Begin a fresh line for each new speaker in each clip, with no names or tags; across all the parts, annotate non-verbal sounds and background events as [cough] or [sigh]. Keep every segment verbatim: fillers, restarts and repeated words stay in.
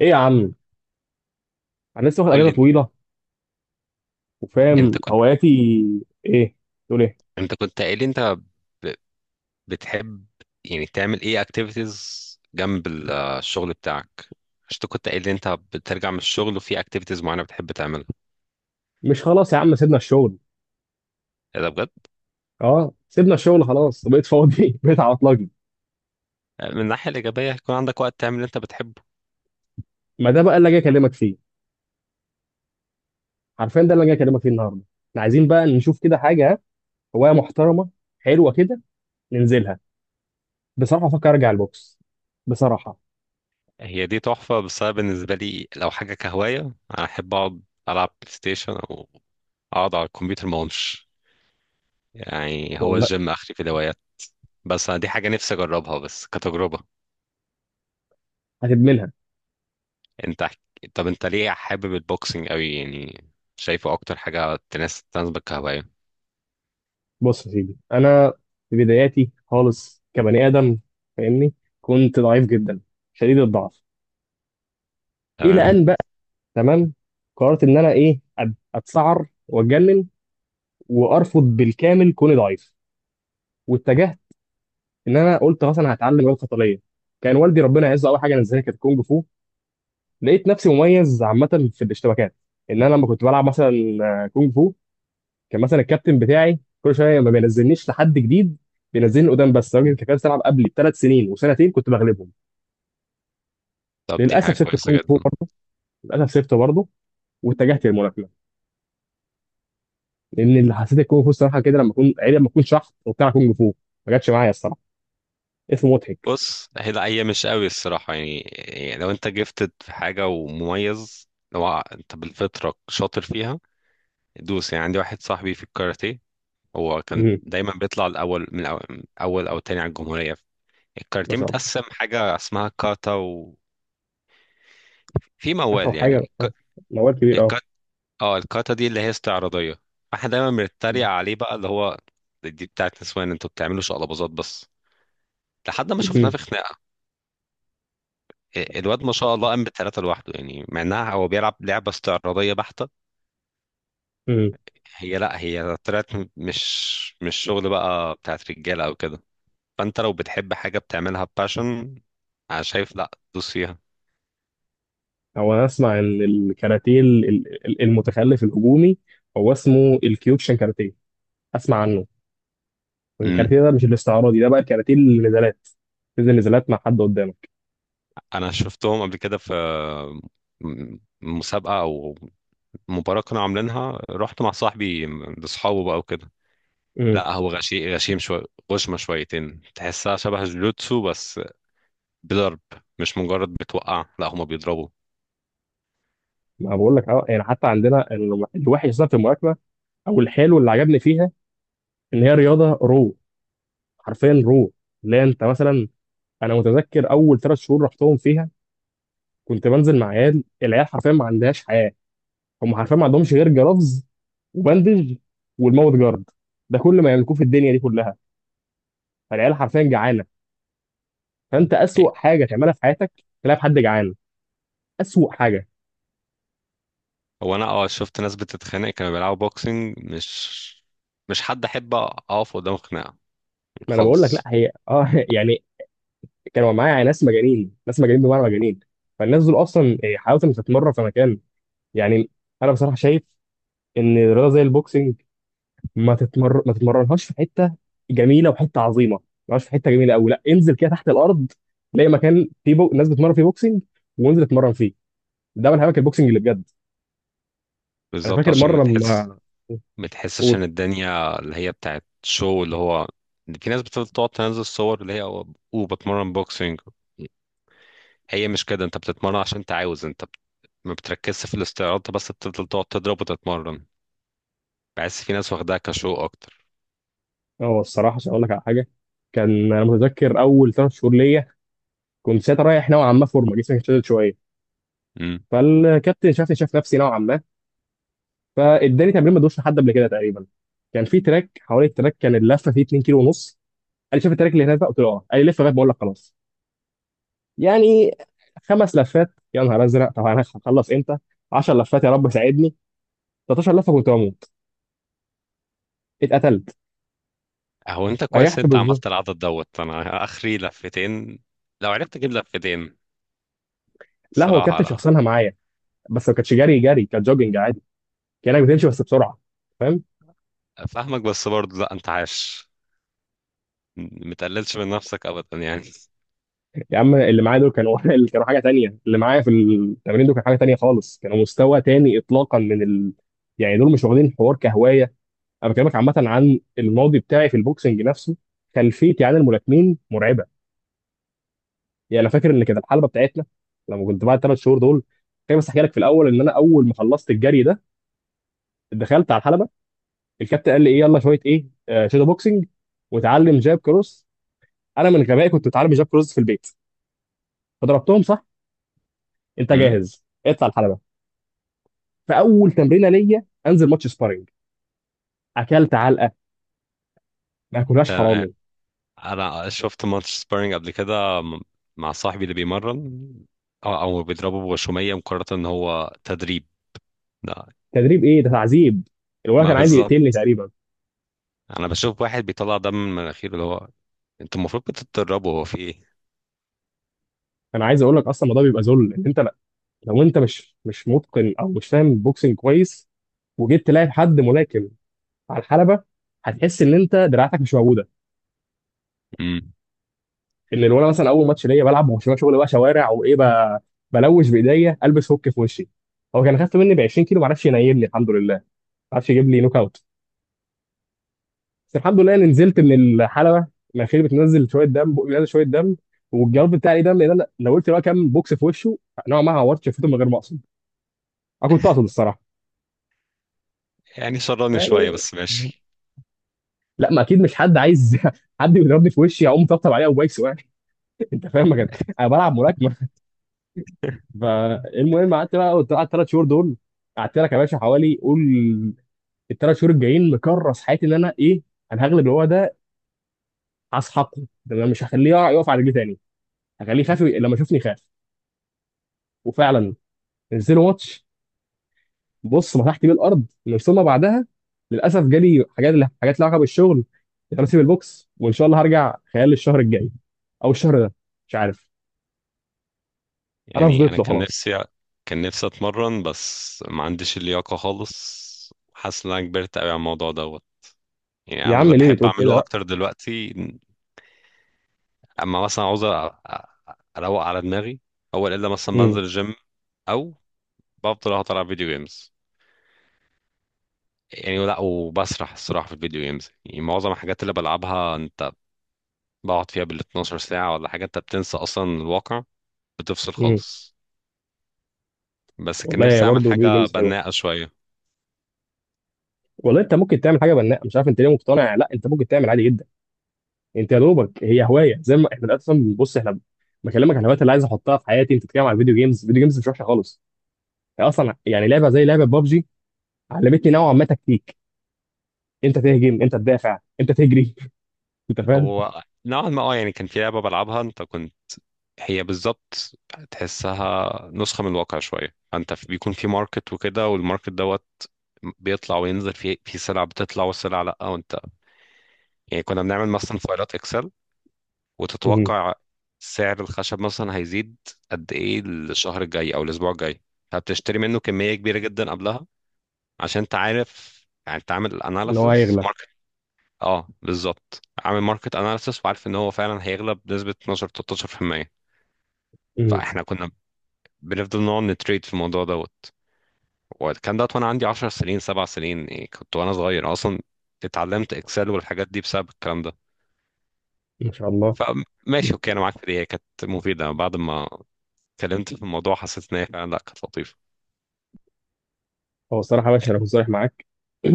ايه يا عم. انا لسه واخد
قول
اجازه
لي.
طويله وفاهم
انت كنت
هواياتي. ايه؟ تقول ايه؟
انت كنت قايل لي انت ب- بتحب يعني تعمل ايه اكتيفيتيز جنب ال- الشغل بتاعك؟ مش انت كنت قايل لي انت بترجع من الشغل وفي اكتيفيتيز معينه بتحب تعملها؟
مش خلاص يا عم سيبنا الشغل.
ايه ده بجد؟
اه سيبنا الشغل خلاص وبقيت فاضي [laughs] بقيت على اطلاقي.
من الناحيه الايجابيه هيكون عندك وقت تعمل اللي انت بتحبه.
ما ده بقى اللي جاي اكلمك فيه، حرفيا ده اللي جاي اكلمك فيه النهارده. احنا عايزين بقى نشوف كده حاجه ها، هوايه محترمه، حلوه كده، ننزلها. بصراحه افكر ارجع البوكس، بصراحه.
هي دي تحفه، بس انا بالنسبه لي لو حاجه كهوايه، انا احب اقعد العب بلاي ستيشن او اقعد على الكمبيوتر ما اقومش، يعني هو
والله
الجيم اخري في الهوايات. بس انا دي حاجه نفسي اجربها بس كتجربه.
هتدمنها.
انت حك... طب انت ليه حابب البوكسنج قوي يعني؟ شايفه اكتر حاجه تناسب تناسبك كهوايه؟
بص يا سيدي، انا في بداياتي خالص كبني ادم، فاهمني، كنت ضعيف جدا، شديد الضعف، الى
تمام.
ان بقى، تمام، قررت ان انا ايه أت- اتسعر واتجنن وارفض بالكامل كوني ضعيف، واتجهت. ان انا قلت خلاص انا هتعلم رياضه قتاليه. كان والدي ربنا يعزه اول حاجه نزلها كانت كونج فو. لقيت نفسي مميز عامه في الاشتباكات، ان انا لما كنت بلعب مثلا آه، كونج فو، كان مثلا الكابتن بتاعي كل شويه ما بينزلنيش لحد جديد، بينزلني قدام بس الراجل اللي كان بيلعب قبلي بثلاث سنين وسنتين كنت بغلبهم.
طب دي حاجه
للاسف سبت
كويسه
الكونج فو
جدا.
برضه- للاسف سبته برضه واتجهت للملاكمه، لان اللي حسيت الكونغ فو الصراحه كده لما اكون عيب، لما اكون شحط وبتاع كونغ فو ما جاتش معايا الصراحه. اسمه مضحك.
بص هي لا هي مش قوي الصراحه، يعني يعني لو انت جيفتد في حاجه ومميز، لو انت بالفطره شاطر فيها دوس يعني. عندي واحد صاحبي في الكاراتيه، هو كان
مهم.
دايما بيطلع الاول من أو- اول او تاني على الجمهوريه.
ما
الكاراتيه
شاء الله.
متقسم حاجه اسمها كاتا، وفي
أتعب
موال
حاجه
يعني.
آه. موال كبير اه.
اه الكاتا دي اللي هي استعراضية، احنا دايما بنتريق عليه بقى اللي هو دي بتاعت نسوان انتوا بتعملوا شقلباظات بس، لحد ما شفناه
مهم.
في خناقة. ال- الواد ما شاء الله قام بثلاثة لوحده، يعني مع انها هو بيلعب لعبة استعراضية بحتة.
مهم.
هي لا هي طلعت م- مش مش شغل بقى بتاعت رجالة او كده. فانت لو بتحب حاجة بتعملها باشن، انا شايف لا دوس فيها.
هو انا اسمع ان الكاراتيه ال- ال- ال- المتخلف الهجومي، هو اسمه الكيوكشن كاراتيه، اسمع عنه.
امم.
الكاراتيه ده مش الاستعراضي ده، بقى الكاراتيه النزالات، تنزل نزالات مع حد قدامك.
انا شفتهم قبل كده في م- مسابقة او مباراة كانوا عاملينها، رحت مع صاحبي لاصحابه بقى وكده.
امم.
لا هو غشيم غشيم شوية، غشمة شويتين، تحسها شبه الجلوتسو بس، بضرب، مش مجرد بتوقع، لا هما بيضربوا.
ما بقول لك اه، يعني حتى عندنا ال- الوحش اصلا في الملاكمه، او الحلو اللي عجبني فيها ان هي رياضه رو، حرفيا روح. لا انت مثلا، انا متذكر اول ثلاث شهور رحتهم فيها، كنت بنزل مع عيال، العيال حرفيا ما عندهاش حياه. هم حرفيا ما عندهمش غير جرافز وبندج والماوث جارد، ده كل ما يملكوه في الدنيا دي كلها. فالعيال حرفيا جعانه. فانت
إيه.
اسوأ حاجه تعملها في حياتك تلاقي حد جعان، اسوأ حاجه.
هو انا اه شفت ناس بتتخانق كانوا بيلعبوا بوكسنج، مش مش حد احب اقف قدام خناقة
ما انا بقول لك لا
خالص.
هي اه [laughs] يعني كانوا معايا ناس مجانين، ناس مجانين بمعنى مجانين. فالناس دول اصلا إيه، حاولت ان تتمرن في مكان، يعني انا بصراحه شايف ان رياضه زي البوكسنج ما تتمر ما تتمرنهاش في حته جميله وحته عظيمه، ما تتمرنهاش في حته جميله قوي، لا انزل كده تحت الارض، تلاقي مكان فيه بو... ناس بتتمرن فيه بوكسنج، وانزل اتمرن فيه، ده من هواك البوكسنج اللي بجد. انا
بالظبط
فاكر
عشان ما
مره
تحس
ما،
ما تحسش
قول.
ان الدنيا اللي هي بتاعت شو اللي هو في ناس بتفضل تقعد تنزل صور اللي هي وبتمرن بوكسنج. هي مش كده، انت بتتمرن عشان انت عاوز، انت بت- ما بتركزش في الاستعراض، انت بس بتفضل تقعد تضرب وتتمرن. بحس في ناس واخداها كشو اكتر.
اه الصراحه عشان اقول لك على حاجه، كان انا متذكر اول ثلاث شهور ليا، كنت ساعتها رايح نوعا ما، فورمه جسمي كان شادد شويه،
امم.
فالكابتن شافني، شاف نفسي نوعا ما، فاداني تمرين ما دوش لحد قبل كده تقريبا. كان في تراك، حوالي التراك كان اللفه فيه اتنين كيلو ونص كيلو ونص. قال لي شاف التراك اللي هناك، بقى قلت له اه، قال لي لف لغايه ما اقول لك خلاص. يعني خمس لفات يا نهار ازرق، طب انا هخلص امتى؟ 10 لفات يا رب ساعدني، 13 لفه كنت بموت، اتقتلت،
هو انت كويس
ريحت
انت
بالظبط.
عملت العدد دوت، انا اخري لفتين. لو عرفت اجيب لفتين
لا هو
الصراحه
كابتن
لا.
شخصنها معايا. بس ما كانتش جري جري، كانت جوجنج عادي، كانك بتمشي بس بسرعه، فاهم؟
فاهمك بس برضه لا انت عاش، متقللش من نفسك ابدا يعني.
يا عم اللي معايا دول كانوا [laughs] اللي كانوا حاجه تانية، اللي معايا في التمرين دول كان حاجه تانية خالص، كانوا مستوى تاني اطلاقا من ال... يعني دول مش واخدين الحوار كهوايه. انا بكلمك عامه عن الماضي بتاعي في البوكسنج نفسه. خلفيتي عن الملاكمين مرعبه. يعني انا فاكر ان كانت الحلبه بتاعتنا لما كنت بعد الثلاث شهور دول، كان بس احكي لك في الاول ان انا اول ما خلصت الجري ده دخلت على الحلبه، الكابتن قال لي ايه يلا شويه ايه آه شادو بوكسنج وتعلم جاب كروس. انا من غبائي كنت اتعلم جاب كروس في البيت فضربتهم صح. انت
امم.
جاهز اطلع الحلبه. فاول تمرينه ليا انزل ماتش سبارنج، اكلت علقه ما كلهاش
تمام.
حرامي.
انا شفت ماتش سبارينج قبل كده م- مع صاحبي اللي بيمرن، او أو بيضربه بغشوميه مقارنه ان هو تدريب؟ لا.
تدريب ايه ده، تعذيب. الولد
ما
كان عايز يقتلني
بالظبط.
تقريبا.
انا بشوف واحد بيطلع دم من مناخيره اللي هو انتوا المفروض بتتدربوا، هو في
انا عايز اقول لك اصلا الموضوع بيبقى ذل ان انت لا- لو انت مش مش متقن او مش فاهم بوكسنج كويس وجيت تلاعب حد ملاكم على الحلبه، هتحس ان انت دراعتك مش موجوده.
ايه؟
ان لو انا مثلا اول ماتش ليا بلعب ما هوش شغل بقى شوارع وايه ب- بلوش بايديا البس هوك في وشي، هو كان خف مني ب 20 كيلو ما عرفش ينيلني الحمد لله، ما عرفش يجيب لي نوك اوت. بس الحمد لله اني نزلت من الحلبه الاخير بتنزل شويه دم، بقي بينزل شويه دم. والجواب بتاعي ليه دم لان انا لو قلت بقى كام بوكس في وشه، نوعا ما عورت شفته من غير ما اقصد، انا كنت اقصد الصراحه،
يعني شراني شوية
يعني
بس ماشي.
لا ما اكيد مش حد عايز [laughs] حد يضربني في وشي اقوم طبطب عليه او بايسه يعني. [laughs] انت فاهم ما كان- انا بلعب ملاكمه. فالمهم قعدت بقى، قلت قعدت ثلاث شهور دول، قعدت لك يا باشا حوالي قول الثلاث شهور الجايين مكرس حياتي ان انا ايه، انا هغلب الوضع ده، هسحقه، ده انا مش هخليه يقع- يقف على رجليه تاني، هخليه يخاف لما يشوفني، يخاف. وفعلا نزلوا ماتش، بص مسحت بيه الارض من ثم بعدها. للاسف جالي حاجات، حاجات لها علاقه بالشغل، انا سيب البوكس، وان شاء الله هرجع خلال الشهر الجاي او الشهر ده، مش عارف. انا
يعني أنا
فضيت له
كان
خلاص.
نفسي كان نفسي أتمرن بس ما عنديش اللياقة خالص، حاسس إن أنا كبرت أوي على الموضوع دوت. يعني أنا
يا عم
اللي
ليه
بحب
بتقول كده؟
أعمله
لا.
أكتر دلوقتي، أما مثلا عاوز أ- أ- أروق على دماغي، أول إلا مثلا بنزل
امم.
الجيم، أو بفضل أقعد ألعب فيديو جيمز. يعني لا وبسرح الصراحة في الفيديو جيمز، يعني معظم الحاجات اللي بلعبها أنت بقعد فيها بال اثنا عشر ساعة ولا حاجة، أنت بتنسى أصلا الواقع، بتفصل
امم.
خالص. بس كان
والله
نفسي أعمل
برضه الفيديو
حاجة
جيمز حلوه.
بناءة شوية.
والله انت ممكن تعمل حاجه بناءه، مش عارف انت ليه مقتنع لا، انت ممكن تعمل عادي جدا. انت يا دوبك هي هوايه زي ما احنا اصلا، بص احنا بكلمك عن الهوايات اللي عايز احطها في حياتي، انت بتتكلم عن الفيديو جيمز، الفيديو جيمز مش وحشه خالص. هي اصلا يعني لعبه زي لعبه بابجي علمتني نوعا ما تكتيك، انت تهجم انت تدافع انت تجري. [laughs] انت فاهم؟
هو نوعا ما اه يعني كان في لعبة بلعبها انت كنت، هي بالظبط، تحسها نسخة من الواقع شوية، انت في- بيكون في ماركت وكده، والماركت دوت بيطلع وينزل، في في سلع بتطلع وسلع لا، وانت يعني كنا بنعمل مثلا فايلات اكسل
مهم.
وتتوقع سعر الخشب مثلا هيزيد قد ايه الشهر الجاي او الاسبوع الجاي، فبتشتري منه كمية كبيرة جدا قبلها عشان انت عارف يعني انت عامل
ان هو
اناليسس
هيغلب.
ماركت. اه بالظبط عامل ماركت اناليسس وعارف ان هو فعلا هيغلب بنسبة اتناشر تلتاشر في المية.
مهم.
فاحنا كنا بنفضل نقعد نتريد في الموضوع دوت، وكان دوت وانا عندي 10 سنين 7 سنين يعني، كنت وانا صغير اصلا اتعلمت اكسل والحاجات دي بسبب الكلام ده.
ما شاء الله.
فماشي اوكي انا معاك في دي، هي كانت مفيده، بعد ما اتكلمت في الموضوع حسيت ان هي فعلا لا كانت لطيفه.
هو الصراحه يا باشا انا كنت صريح معاك.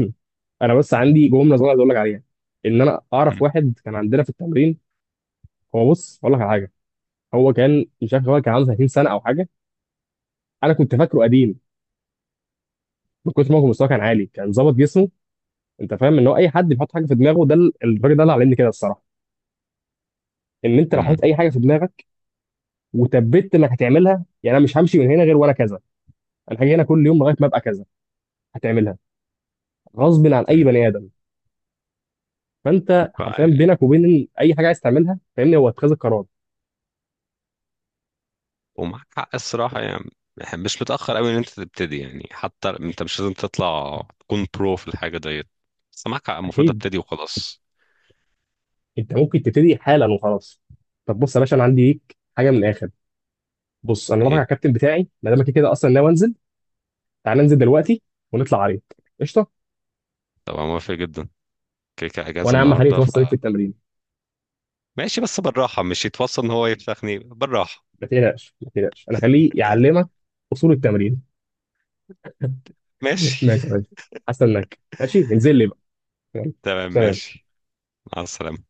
[clears throat] انا بس عندي جمله صغيره عايز اقول لك عليها، ان انا اعرف
أمم،
واحد كان عندنا في التمرين، هو بص اقول لك على حاجه، هو كان مش عارف، هو كان عنده 30 سنه او حاجه، انا كنت فاكره قديم. من كتر ما هو مستواه كان عالي، كان ظابط جسمه. انت فاهم ان هو اي حد بيحط حاجه في دماغه، ده ال- الراجل ده اللي علمني كده الصراحه، ان انت لو
أمم،
حطيت اي حاجه في دماغك وثبت انك هتعملها، يعني انا مش همشي من هنا غير وانا كذا، انا هاجي هنا كل يوم لغايه ما ابقى كذا، هتعملها غصب عن اي
أمم.
بني ادم. فانت
ف...
حرفيا بينك وبين اي حاجه عايز تعملها فاهمني، هو اتخاذ القرار.
ومعاك حق الصراحه يعني، مش متاخر قوي ان انت تبتدي يعني، حتى انت مش لازم تطلع تكون برو في الحاجه ديت، بس معاك حق المفروض
اكيد،
ابتدي وخلاص.
انت ممكن تبتدي حالا وخلاص. طب بص يا باشا، انا عندي ليك حاجه من الاخر. بص انا رافع على
ايه.
الكابتن بتاعي، ما دام كده كده اصلا ناوي انزل، تعال ننزل دلوقتي ونطلع عريض، قشطه.
طبعا موافق جدا. كده كده اجازه
وانا يا عم خليه
النهارده.
يتوصل بيك في التمرين.
ماشي بس بالراحة، مش يتوصل ان هو يفسخني، بالراحة.
ما تقلقش، ما تقلقش، انا خليه يعلمك اصول التمرين.
ماشي
ماشي يا باشا، حاسس انك ماشي، انزل لي بقى، يلا.
[laughs] تمام
سلام.
ماشي. مع السلامة.